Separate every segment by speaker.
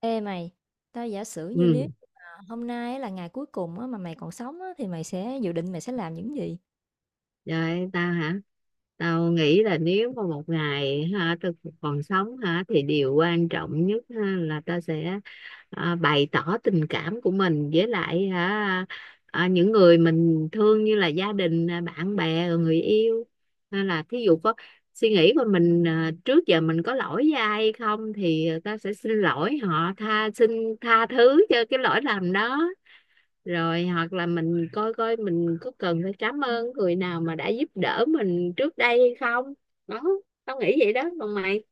Speaker 1: Ê mày, tao giả sử như nếu
Speaker 2: Ừ.
Speaker 1: mà hôm nay á là ngày cuối cùng á, mà mày còn sống á, thì mày sẽ dự định mày sẽ làm những gì?
Speaker 2: Rồi tao hả? Tao nghĩ là nếu mà một ngày ha tao còn sống hả thì điều quan trọng nhất ha, là tao sẽ à, bày tỏ tình cảm của mình với lại hả à, những người mình thương như là gia đình à, bạn bè rồi người yêu, hay là thí dụ có suy nghĩ của mình à, trước giờ mình có lỗi với ai hay không thì tao sẽ xin lỗi họ, tha thứ cho cái lỗi lầm đó. Rồi hoặc là mình coi coi mình có cần phải cảm ơn người nào mà đã giúp đỡ mình trước đây hay không đó. Tao nghĩ vậy đó, còn mày?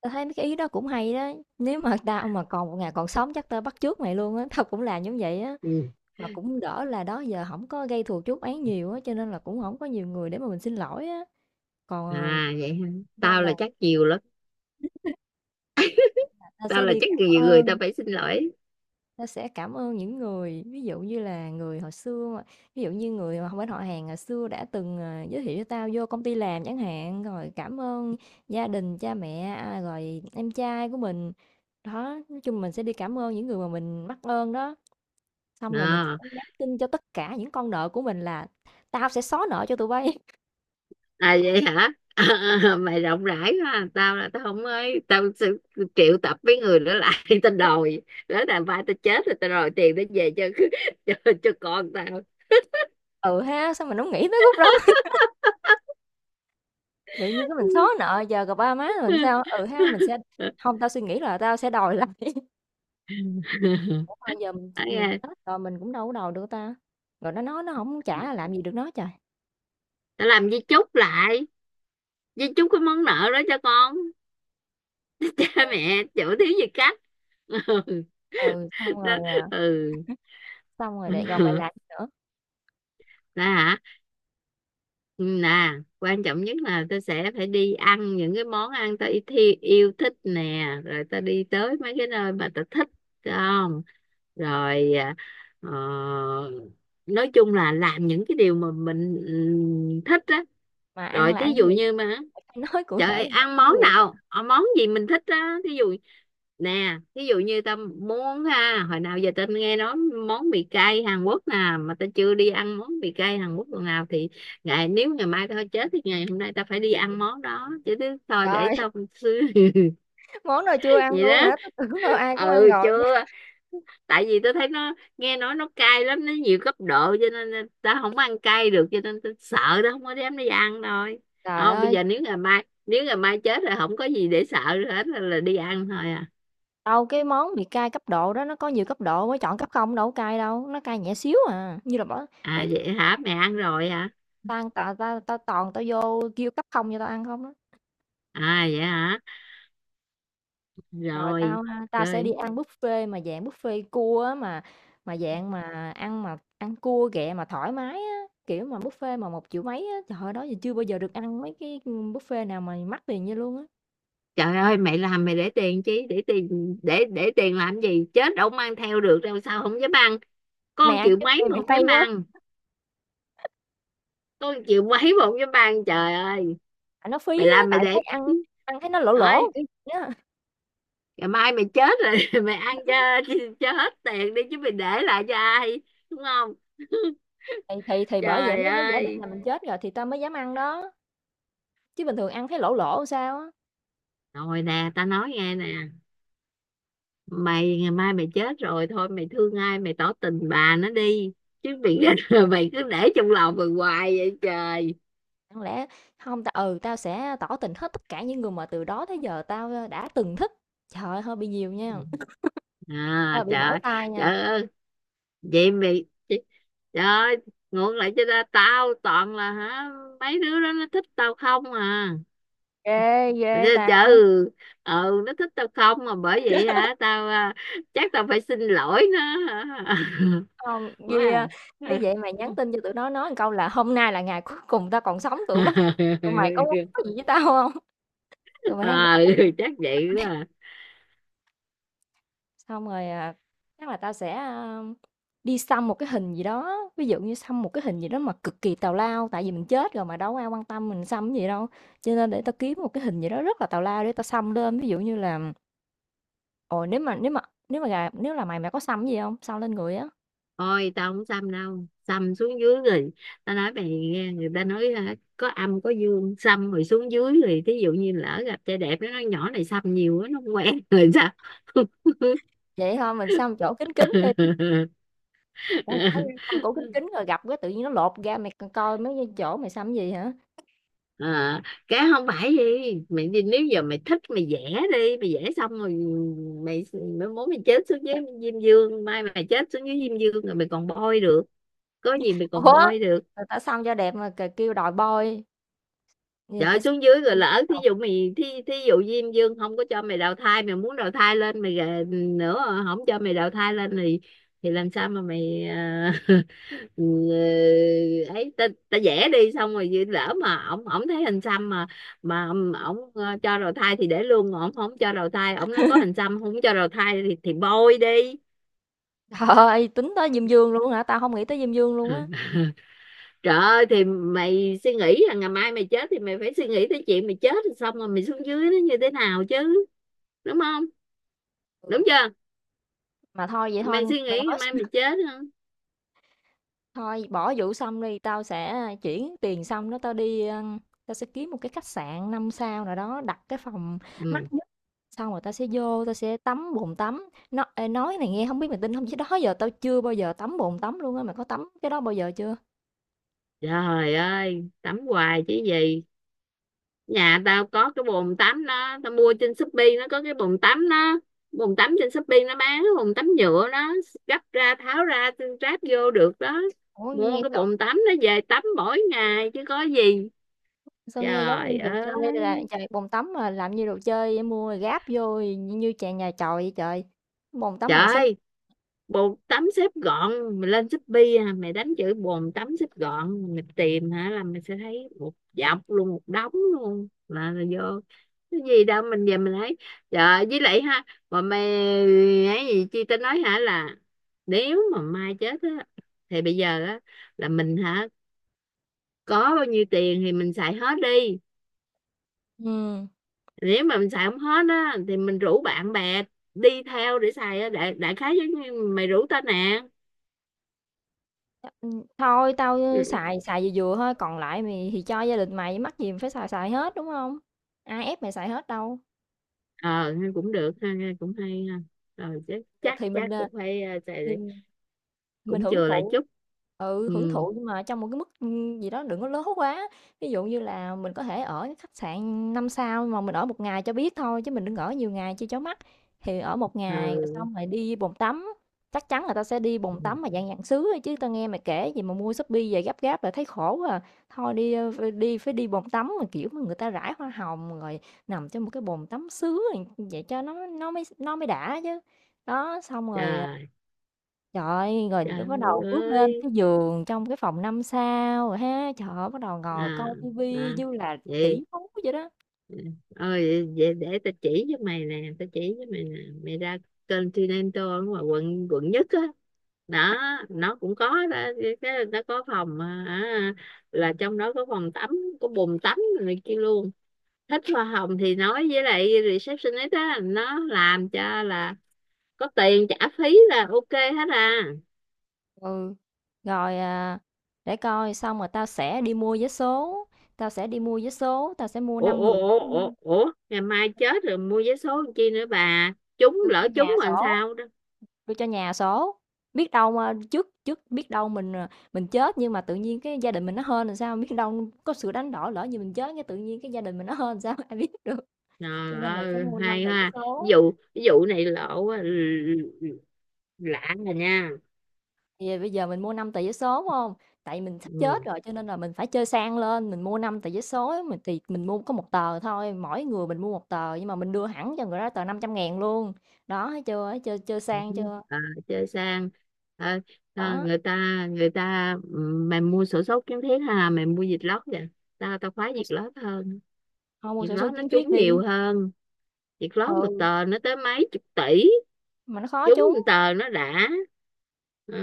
Speaker 1: Tao thấy mấy cái ý đó cũng hay đó. Nếu mà tao mà còn một ngày còn sống chắc tao bắt chước mày luôn á, tao cũng làm giống vậy á.
Speaker 2: Ừ.
Speaker 1: Mà cũng đỡ là đó giờ không có gây thù chuốc oán nhiều á, cho nên là cũng không có nhiều người để mà mình xin lỗi á. Còn
Speaker 2: À vậy hả?
Speaker 1: nên
Speaker 2: Tao là
Speaker 1: là
Speaker 2: chắc nhiều lắm,
Speaker 1: tao
Speaker 2: tao
Speaker 1: sẽ
Speaker 2: là
Speaker 1: đi
Speaker 2: chắc
Speaker 1: cảm
Speaker 2: nhiều người tao
Speaker 1: ơn.
Speaker 2: phải xin lỗi.
Speaker 1: Nó sẽ cảm ơn những người, ví dụ như là người hồi xưa mà ví dụ như người mà bên họ hàng hồi xưa đã từng, giới thiệu cho tao vô công ty làm chẳng hạn, rồi cảm ơn gia đình, cha mẹ, rồi em trai của mình. Đó, nói chung mình sẽ đi cảm ơn những người mà mình mắc ơn đó, xong rồi mình sẽ
Speaker 2: À,
Speaker 1: nhắn tin cho tất cả những con nợ của mình là "Tao sẽ xóa nợ cho tụi bay."
Speaker 2: à vậy hả? Mày rộng rãi quá à. Tao là tao không ấy, tao sẽ triệu tập với người đó lại. Tao đòi, đó là ba tao chết rồi tao đòi tiền để về cho cho con tao.
Speaker 1: Ừ ha, sao mình hổng nghĩ tới khúc đó, tự nhiên cái mình xóa nợ giờ gặp ba má mình sao? Ừ ha, mình sẽ không tao suy nghĩ là tao sẽ đòi lại. Ủa mà giờ
Speaker 2: Ấy
Speaker 1: mình
Speaker 2: à,
Speaker 1: chết rồi mình cũng đâu có đầu được ta? Rồi nó nói nó không trả là làm gì được nó trời.
Speaker 2: tao làm di chúc lại, di chúc cái món nợ đó cho con. Cha mẹ chịu thiếu gì cách.
Speaker 1: Ừ,
Speaker 2: Ừ
Speaker 1: xong
Speaker 2: đó.
Speaker 1: rồi,
Speaker 2: Ừ.
Speaker 1: xong rồi lại rồi mày làm gì nữa?
Speaker 2: Đó hả? Ừ, nè, quan trọng nhất là tôi sẽ phải đi ăn những cái món ăn tôi yêu thích nè, rồi ta đi tới mấy cái nơi mà ta thích không. Rồi à, ờ, nói chung là làm những cái điều mà mình ừ, thích á.
Speaker 1: Mà ăn
Speaker 2: Rồi
Speaker 1: là
Speaker 2: thí
Speaker 1: ăn
Speaker 2: dụ
Speaker 1: gì?
Speaker 2: như mà
Speaker 1: Mày phải nói cụ
Speaker 2: trời
Speaker 1: thể
Speaker 2: ơi,
Speaker 1: là
Speaker 2: ăn
Speaker 1: ăn
Speaker 2: món
Speaker 1: gì nè?
Speaker 2: nào, ờ, món gì mình thích á, thí dụ nè, ví dụ như tao muốn ha, hồi nào giờ tao nghe nói món mì cay Hàn Quốc nè, mà tao chưa đi ăn món mì cay Hàn Quốc lần nào thì ngày mai tao chết thì ngày hôm nay tao phải đi ăn món đó chứ thứ thôi, để
Speaker 1: Trời,
Speaker 2: tao xưa.
Speaker 1: món nào chưa ăn
Speaker 2: Vậy
Speaker 1: luôn
Speaker 2: đó.
Speaker 1: hả? Tôi tưởng đâu ai cũng ăn
Speaker 2: Ừ
Speaker 1: rồi chứ.
Speaker 2: chưa. Tại vì tôi thấy nó nghe nói nó cay lắm, nó nhiều cấp độ cho nên là ta không ăn cay được, cho nên tôi sợ đó, không có dám đi ăn thôi.
Speaker 1: Trời
Speaker 2: Không, bây
Speaker 1: ơi,
Speaker 2: giờ nếu ngày mai chết là không có gì để sợ hết, là đi ăn thôi à.
Speaker 1: đâu cái món bị cay cấp độ đó nó có nhiều cấp độ, mới chọn cấp không đâu có cay đâu, nó cay nhẹ xíu à, như là bỏ nói
Speaker 2: À vậy hả, mẹ ăn rồi hả?
Speaker 1: "Tao ăn tà tao tao toàn tao vô kêu cấp không cho tao ăn không" á.
Speaker 2: À vậy hả?
Speaker 1: Rồi
Speaker 2: Rồi.
Speaker 1: tao ha, tao sẽ đi
Speaker 2: Rồi
Speaker 1: ăn buffet mà dạng buffet cua á mà dạng mà ăn cua ghẹ mà thoải mái á, kiểu mà buffet mà 1 triệu mấy á, trời ơi đó giờ chưa bao giờ được ăn mấy cái buffet nào mà mắc tiền như luôn á.
Speaker 2: trời ơi mẹ làm mẹ để tiền, chứ để tiền để tiền làm gì, chết đâu mang theo được đâu, sao không dám ăn.
Speaker 1: Mày
Speaker 2: Con
Speaker 1: ăn
Speaker 2: chịu
Speaker 1: trước
Speaker 2: mấy
Speaker 1: đi
Speaker 2: mà
Speaker 1: mày
Speaker 2: không
Speaker 1: hay
Speaker 2: dám
Speaker 1: quá,
Speaker 2: ăn. Con chịu mấy mà không dám ăn, trời ơi.
Speaker 1: tại nó phí
Speaker 2: Mày
Speaker 1: á,
Speaker 2: làm mày
Speaker 1: tại
Speaker 2: để
Speaker 1: thấy ăn ăn thấy nó lỗ lỗ
Speaker 2: ơi,
Speaker 1: kiểu gì á.
Speaker 2: ngày mai mày chết rồi mày ăn cho hết tiền đi, chứ mày để lại cho ai, đúng không?
Speaker 1: Thì bởi vậy
Speaker 2: Trời
Speaker 1: mới mới giả định
Speaker 2: ơi.
Speaker 1: là mình chết rồi thì tao mới dám ăn đó. Chứ bình thường ăn thấy lỗ lỗ sao á.
Speaker 2: Rồi nè, ta nói nghe nè, mày ngày mai mày chết rồi thôi, mày thương ai mày tỏ tình bà nó đi, chứ mày mày cứ để trong lòng mày hoài vậy trời.
Speaker 1: Chẳng lẽ không tao sẽ tỏ tình hết tất cả những người mà từ đó tới giờ tao đã từng thích. Trời ơi hơi bị nhiều nha.
Speaker 2: À,
Speaker 1: Ờ, bị mỏi
Speaker 2: trời.
Speaker 1: tai nha.
Speaker 2: Trời, vậy mày. Trời ơi, ngược lại cho ra tao toàn là hả mấy đứa đó nó thích tao không à.
Speaker 1: Ghê, ghê
Speaker 2: Trời
Speaker 1: ta.
Speaker 2: trời, ừ, ờ, nó thích tao không mà bởi vậy hả, tao à, chắc tao phải xin lỗi nó hả?
Speaker 1: Hông,
Speaker 2: Quá
Speaker 1: vì, nếu
Speaker 2: à.
Speaker 1: vậy mày nhắn tin cho tụi nó nói một câu là "Hôm nay là ngày cuối cùng tao còn sống, tụi mày có muốn nói gì với tao hông?" Tụi mày hãy
Speaker 2: Ờ,
Speaker 1: tao có tình
Speaker 2: chắc
Speaker 1: với tao
Speaker 2: vậy quá
Speaker 1: nè.
Speaker 2: à.
Speaker 1: Xong rồi, chắc là tao sẽ, đi xăm một cái hình gì đó, ví dụ như xăm một cái hình gì đó mà cực kỳ tào lao, tại vì mình chết rồi mà đâu có ai quan tâm mình xăm cái gì đâu. Cho nên để tao kiếm một cái hình gì đó rất là tào lao để tao xăm lên, ví dụ như là, ồ, nếu mà nếu mà nếu mà gà nếu là mày, mày có xăm cái gì hông? Xăm lên người
Speaker 2: Ôi tao không xăm đâu. Xăm xuống dưới rồi. Tao nói mày nghe, người ta nói hả, có âm có dương. Xăm rồi xuống dưới rồi, thí dụ như lỡ gặp trai đẹp, nó nói nhỏ này xăm nhiều quá, nó không
Speaker 1: á.
Speaker 2: quen rồi sao.
Speaker 1: Vậy thôi. Mình sắm chỗ kín kín đi, ủa, có nghe sắm chỗ kín kín rồi gặp cái tự nhiên nó lột ra mày coi mấy cái chỗ mày sắm gì hả?
Speaker 2: À, cái không phải gì, mày đi nếu giờ mày thích mày vẽ đi, mày vẽ xong rồi mày, mày muốn mày chết xuống dưới diêm dương, mai mày chết xuống dưới diêm dương rồi mày còn bôi được, có gì mày còn
Speaker 1: Ủa,
Speaker 2: bôi được.
Speaker 1: người ta săn cho đẹp mà kêu đòi boy, người ta
Speaker 2: Trời
Speaker 1: xăm
Speaker 2: xuống dưới rồi,
Speaker 1: em xăm
Speaker 2: lỡ thí
Speaker 1: đầu.
Speaker 2: dụ mày thí dụ Diêm Dương không có cho mày đào thai, mày muốn đào thai lên mày gà- nữa, không cho mày đào thai lên thì làm sao mà mày à. Ừ, ấy ta vẽ đi xong rồi vậy, lỡ mà ổng ổng thấy hình xăm mà ổng ổng, ờ, cho đào thai thì để luôn, ổng không cho đào thai, ổng nó có hình xăm không cho đào thai thì bôi đi.
Speaker 1: Trời ơi, tính tới Diêm Dương luôn hả? Tao không nghĩ tới Diêm Dương luôn á.
Speaker 2: Trời ơi, thì mày suy nghĩ là ngày mai mày chết thì mày phải suy nghĩ tới chuyện mày chết rồi xong rồi mày xuống dưới nó như thế nào chứ, đúng không,
Speaker 1: Ừ,
Speaker 2: đúng chưa,
Speaker 1: mà thôi vậy thôi,
Speaker 2: mày suy
Speaker 1: mày
Speaker 2: nghĩ ngày
Speaker 1: nói.
Speaker 2: mai mày chết không.
Speaker 1: Thôi bỏ vụ xong đi, tao sẽ chuyển tiền xong đó tao sẽ kiếm một cái khách sạn 5 sao nào đó, đặt cái phòng mắc
Speaker 2: Ừ.
Speaker 1: nhất. Xong rồi tao sẽ vô, tao sẽ tắm bồn tắm. Nó ê, nói này nghe không biết mày tin không chứ đó giờ tao chưa bao giờ tắm bồn tắm luôn á, mày có tắm cái đó bao giờ chưa?
Speaker 2: Trời ơi tắm hoài chứ gì, nhà tao có cái bồn tắm đó, tao mua trên Shopee, nó có cái bồn tắm đó, bồn tắm trên Shopee nó bán cái bồn tắm nhựa đó, gấp ra tháo ra ráp vô được đó,
Speaker 1: Ủa
Speaker 2: mua
Speaker 1: nghe
Speaker 2: cái
Speaker 1: sao,
Speaker 2: bồn tắm nó về tắm mỗi ngày chứ có gì.
Speaker 1: sao nghe giống
Speaker 2: Trời
Speaker 1: như đồ chơi là
Speaker 2: ơi
Speaker 1: trời bồn tắm mà làm như đồ chơi mua rồi gáp vô như chàng nhà chòi vậy trời. Bồn tắm bằng sứ.
Speaker 2: trời, bồn tắm xếp gọn, mày lên Shopee à, mày đánh chữ bồn tắm xếp gọn mày tìm hả là mày sẽ thấy một dọc luôn, một đống luôn, là vô cái gì đâu, mình về mình thấy trời. Với lại ha, mà mày, ấy gì chi tao nói hả là nếu mà mai chết á thì bây giờ á là mình hả, có bao nhiêu tiền thì mình xài hết đi.
Speaker 1: Ừ.
Speaker 2: Nếu mà mình xài không hết á thì mình rủ bạn bè đi theo để xài á, đại, đại khái giống như mày rủ tao nè.
Speaker 1: Thôi tao xài xài vừa vừa thôi, còn lại mày thì cho gia đình mày, mắc gì mày phải xài xài hết, đúng không? Ai ép mày xài hết đâu.
Speaker 2: Ờ nghe cũng được ha, nghe cũng hay ha. Rồi chắc
Speaker 1: Thì
Speaker 2: chắc
Speaker 1: thì mình,
Speaker 2: chắc cũng phải ờ,
Speaker 1: thì mình
Speaker 2: cũng
Speaker 1: hưởng
Speaker 2: chừa lại
Speaker 1: thụ
Speaker 2: chút.
Speaker 1: ừ, hưởng
Speaker 2: Ừ.
Speaker 1: thụ nhưng mà trong một cái mức, gì đó đừng có lớn quá. Ví dụ như là mình có thể ở cái khách sạn 5 sao mà mình ở một ngày cho biết thôi, chứ mình đừng ở nhiều ngày cho chó mắt. Thì ở một
Speaker 2: Ờ.
Speaker 1: ngày rồi xong rồi đi bồn tắm, chắc chắn người ta sẽ đi bồn
Speaker 2: Ừ,
Speaker 1: tắm mà dạng dạng sứa thôi chứ tao nghe mày kể gì mà mua Shopee về gấp gáp là thấy khổ quá à. Thôi đi, ơ, phải đi bồn tắm mà, kiểu, mà người ta rải hoa hồng rồi nằm trong một cái bồn tắm sứ rồi vậy cho nó mới đã chứ. Đó, xong rồi à,
Speaker 2: trời.
Speaker 1: trời ơi, rồi lúc bắt
Speaker 2: Trời
Speaker 1: đầu bước lên
Speaker 2: ơi.
Speaker 1: cái giường trong cái phòng 5 sao rồi ha, trời ơi, bắt đầu ngồi coi
Speaker 2: À.
Speaker 1: tivi
Speaker 2: À
Speaker 1: như là
Speaker 2: vậy.
Speaker 1: tỷ phú vậy đó.
Speaker 2: Ơi vậy để tao chỉ cho mày nè, tao chỉ cho mày nè, mày ra Continental ở ngoài quận quận nhất á đó, nó cũng có đó, cái nó có phòng à, à, là trong đó có phòng tắm, có bồn tắm này kia luôn, thích hoa hồng thì nói với lại receptionist á, nó làm cho, là có tiền trả phí là OK hết à.
Speaker 1: Ừ, rồi, để coi xong rồi tao sẽ đi mua vé số, tao sẽ đi mua vé số, tao sẽ mua
Speaker 2: Ủa
Speaker 1: 5
Speaker 2: ủa
Speaker 1: người ngẫu
Speaker 2: ủa ủa
Speaker 1: nhiên,
Speaker 2: ủa, ngày mai chết rồi mua vé số làm chi nữa bà, trúng
Speaker 1: đưa cho
Speaker 2: lỡ trúng
Speaker 1: nhà
Speaker 2: rồi làm
Speaker 1: số,
Speaker 2: sao đó.
Speaker 1: đưa cho nhà số. Biết đâu mà trước trước biết đâu mình chết nhưng mà tự nhiên cái gia đình mình nó hên làm sao, biết đâu có sự đánh đổi lỡ như mình chết cái tự nhiên cái gia đình mình nó hên làm sao ai biết được. Cho
Speaker 2: Trời
Speaker 1: nên mình sẽ
Speaker 2: ơi
Speaker 1: mua 5
Speaker 2: hay
Speaker 1: tờ vé
Speaker 2: ha.
Speaker 1: số.
Speaker 2: Vụ vụ này lộ á, lạ rồi nha.
Speaker 1: Thì bây giờ mình mua 5 tờ vé số, phải hông? Tại mình sắp chết
Speaker 2: Ừ.
Speaker 1: rồi cho nên là mình phải chơi sang lên, mình mua 5 tờ vé số, á, mình thì mình mua có một tờ thôi, mỗi người mình mua một tờ nhưng mà mình đưa hẳn cho người đó tờ 500.000 luôn. Đó, thấy chưa? Thấy chơi chơi
Speaker 2: Ừ.
Speaker 1: sang chưa?
Speaker 2: À, chơi sang. Ờ, à,
Speaker 1: Đó,
Speaker 2: người ta ừ, mày mua sổ số kiến thiết ha, mày mua vịt lót vậy, tao tao khoái
Speaker 1: mua
Speaker 2: vịt
Speaker 1: s
Speaker 2: lót hơn.
Speaker 1: thôi mua
Speaker 2: Việc
Speaker 1: xổ số
Speaker 2: lót nó
Speaker 1: kiến thiết
Speaker 2: trúng nhiều
Speaker 1: đi.
Speaker 2: hơn, việc lót một
Speaker 1: Ừ,
Speaker 2: tờ nó tới mấy chục tỷ,
Speaker 1: mà nó khó
Speaker 2: trúng
Speaker 1: trúng,
Speaker 2: một tờ nó đã. Ừ.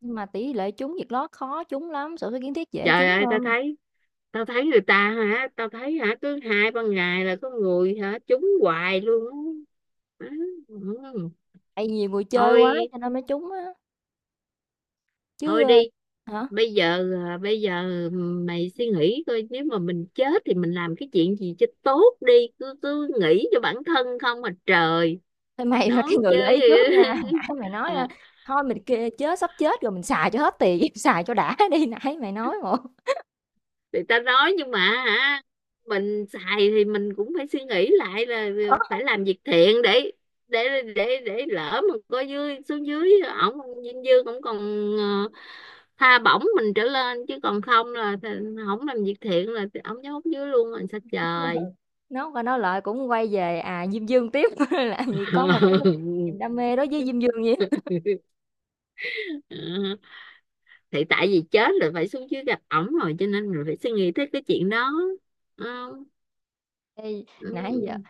Speaker 1: nhưng mà tỷ lệ trúng Vietlott lót khó trúng lắm, xổ số kiến thiết dễ
Speaker 2: Trời
Speaker 1: trúng
Speaker 2: ơi tao
Speaker 1: hơn,
Speaker 2: thấy, tao thấy người ta hả, tao thấy hả cứ hai ba ngày là có người hả trúng hoài luôn á. Ừ.
Speaker 1: tại vì nhiều người chơi quá
Speaker 2: Thôi.
Speaker 1: cho nên mới trúng á, chứ,
Speaker 2: Thôi đi,
Speaker 1: ơ hả?
Speaker 2: bây giờ à, bây giờ ừ, mày suy nghĩ coi nếu mà mình chết thì mình làm cái chuyện gì cho tốt đi, cứ cứ nghĩ cho bản thân không mà trời.
Speaker 1: Thôi mày là
Speaker 2: Nói
Speaker 1: cái người gợi ý
Speaker 2: chơi.
Speaker 1: trước nha, nãy mày nói,
Speaker 2: Ờ.
Speaker 1: thôi mình kê chết sắp chết rồi mình xài cho hết tiền, xài cho đã đi, nãy mày nói một
Speaker 2: Người ta nói nhưng mà hả mình xài thì mình cũng phải suy nghĩ lại là phải làm việc thiện để để lỡ mà có dưới xuống dưới ổng dinh dư cũng còn ờ, tha bổng mình trở lên, chứ còn không là thì không làm việc thiện là thì ổng nhốt dưới luôn rồi sao trời.
Speaker 1: nói qua nói lại cũng quay về, Diêm Dương tiếp, làm gì có một cái niềm đam mê đối với Diêm Dương vậy.
Speaker 2: Ờ, thì tại vì chết rồi phải xuống dưới gặp ổng rồi cho nên mình phải suy nghĩ tới cái chuyện đó. Ừ.
Speaker 1: Ê, nãy giờ
Speaker 2: Ừ.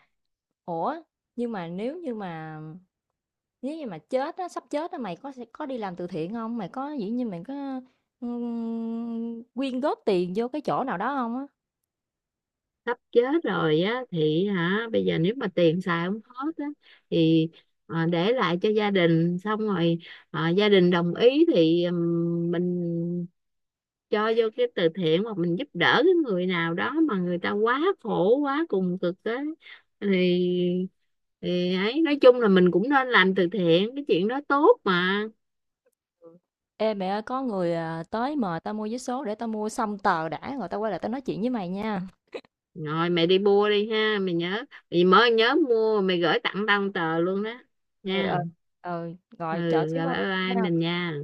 Speaker 1: ủa, nhưng mà nếu như mà chết á, sắp chết á, mày có sẽ có đi làm từ thiện không? Mày có, kiểu như, mày có, quyên góp tiền vô cái chỗ nào đó không? Á?
Speaker 2: Sắp chết rồi á thì hả bây giờ nếu mà tiền xài không hết á thì ờ, để lại cho gia đình, xong rồi ờ, gia đình đồng ý thì mình cho vô cái từ thiện, hoặc mình giúp đỡ cái người nào đó mà người ta quá khổ quá cùng cực á thì thì ấy nói chung là mình cũng nên làm từ thiện, cái chuyện đó tốt mà.
Speaker 1: Ê mẹ ơi, có người à, tới mời tao mua vé số để tao mua xong tờ đã rồi tao quay lại tao nói chuyện với mày nha.
Speaker 2: Rồi mẹ đi mua đi ha, mày nhớ, mày mới nhớ mua, mày gửi tặng tao một tờ luôn đó
Speaker 1: Ừ ừ
Speaker 2: nha.
Speaker 1: ừ
Speaker 2: Ừ,
Speaker 1: rồi chờ xíu
Speaker 2: rồi
Speaker 1: thôi
Speaker 2: bye bye
Speaker 1: nha.
Speaker 2: mình nha.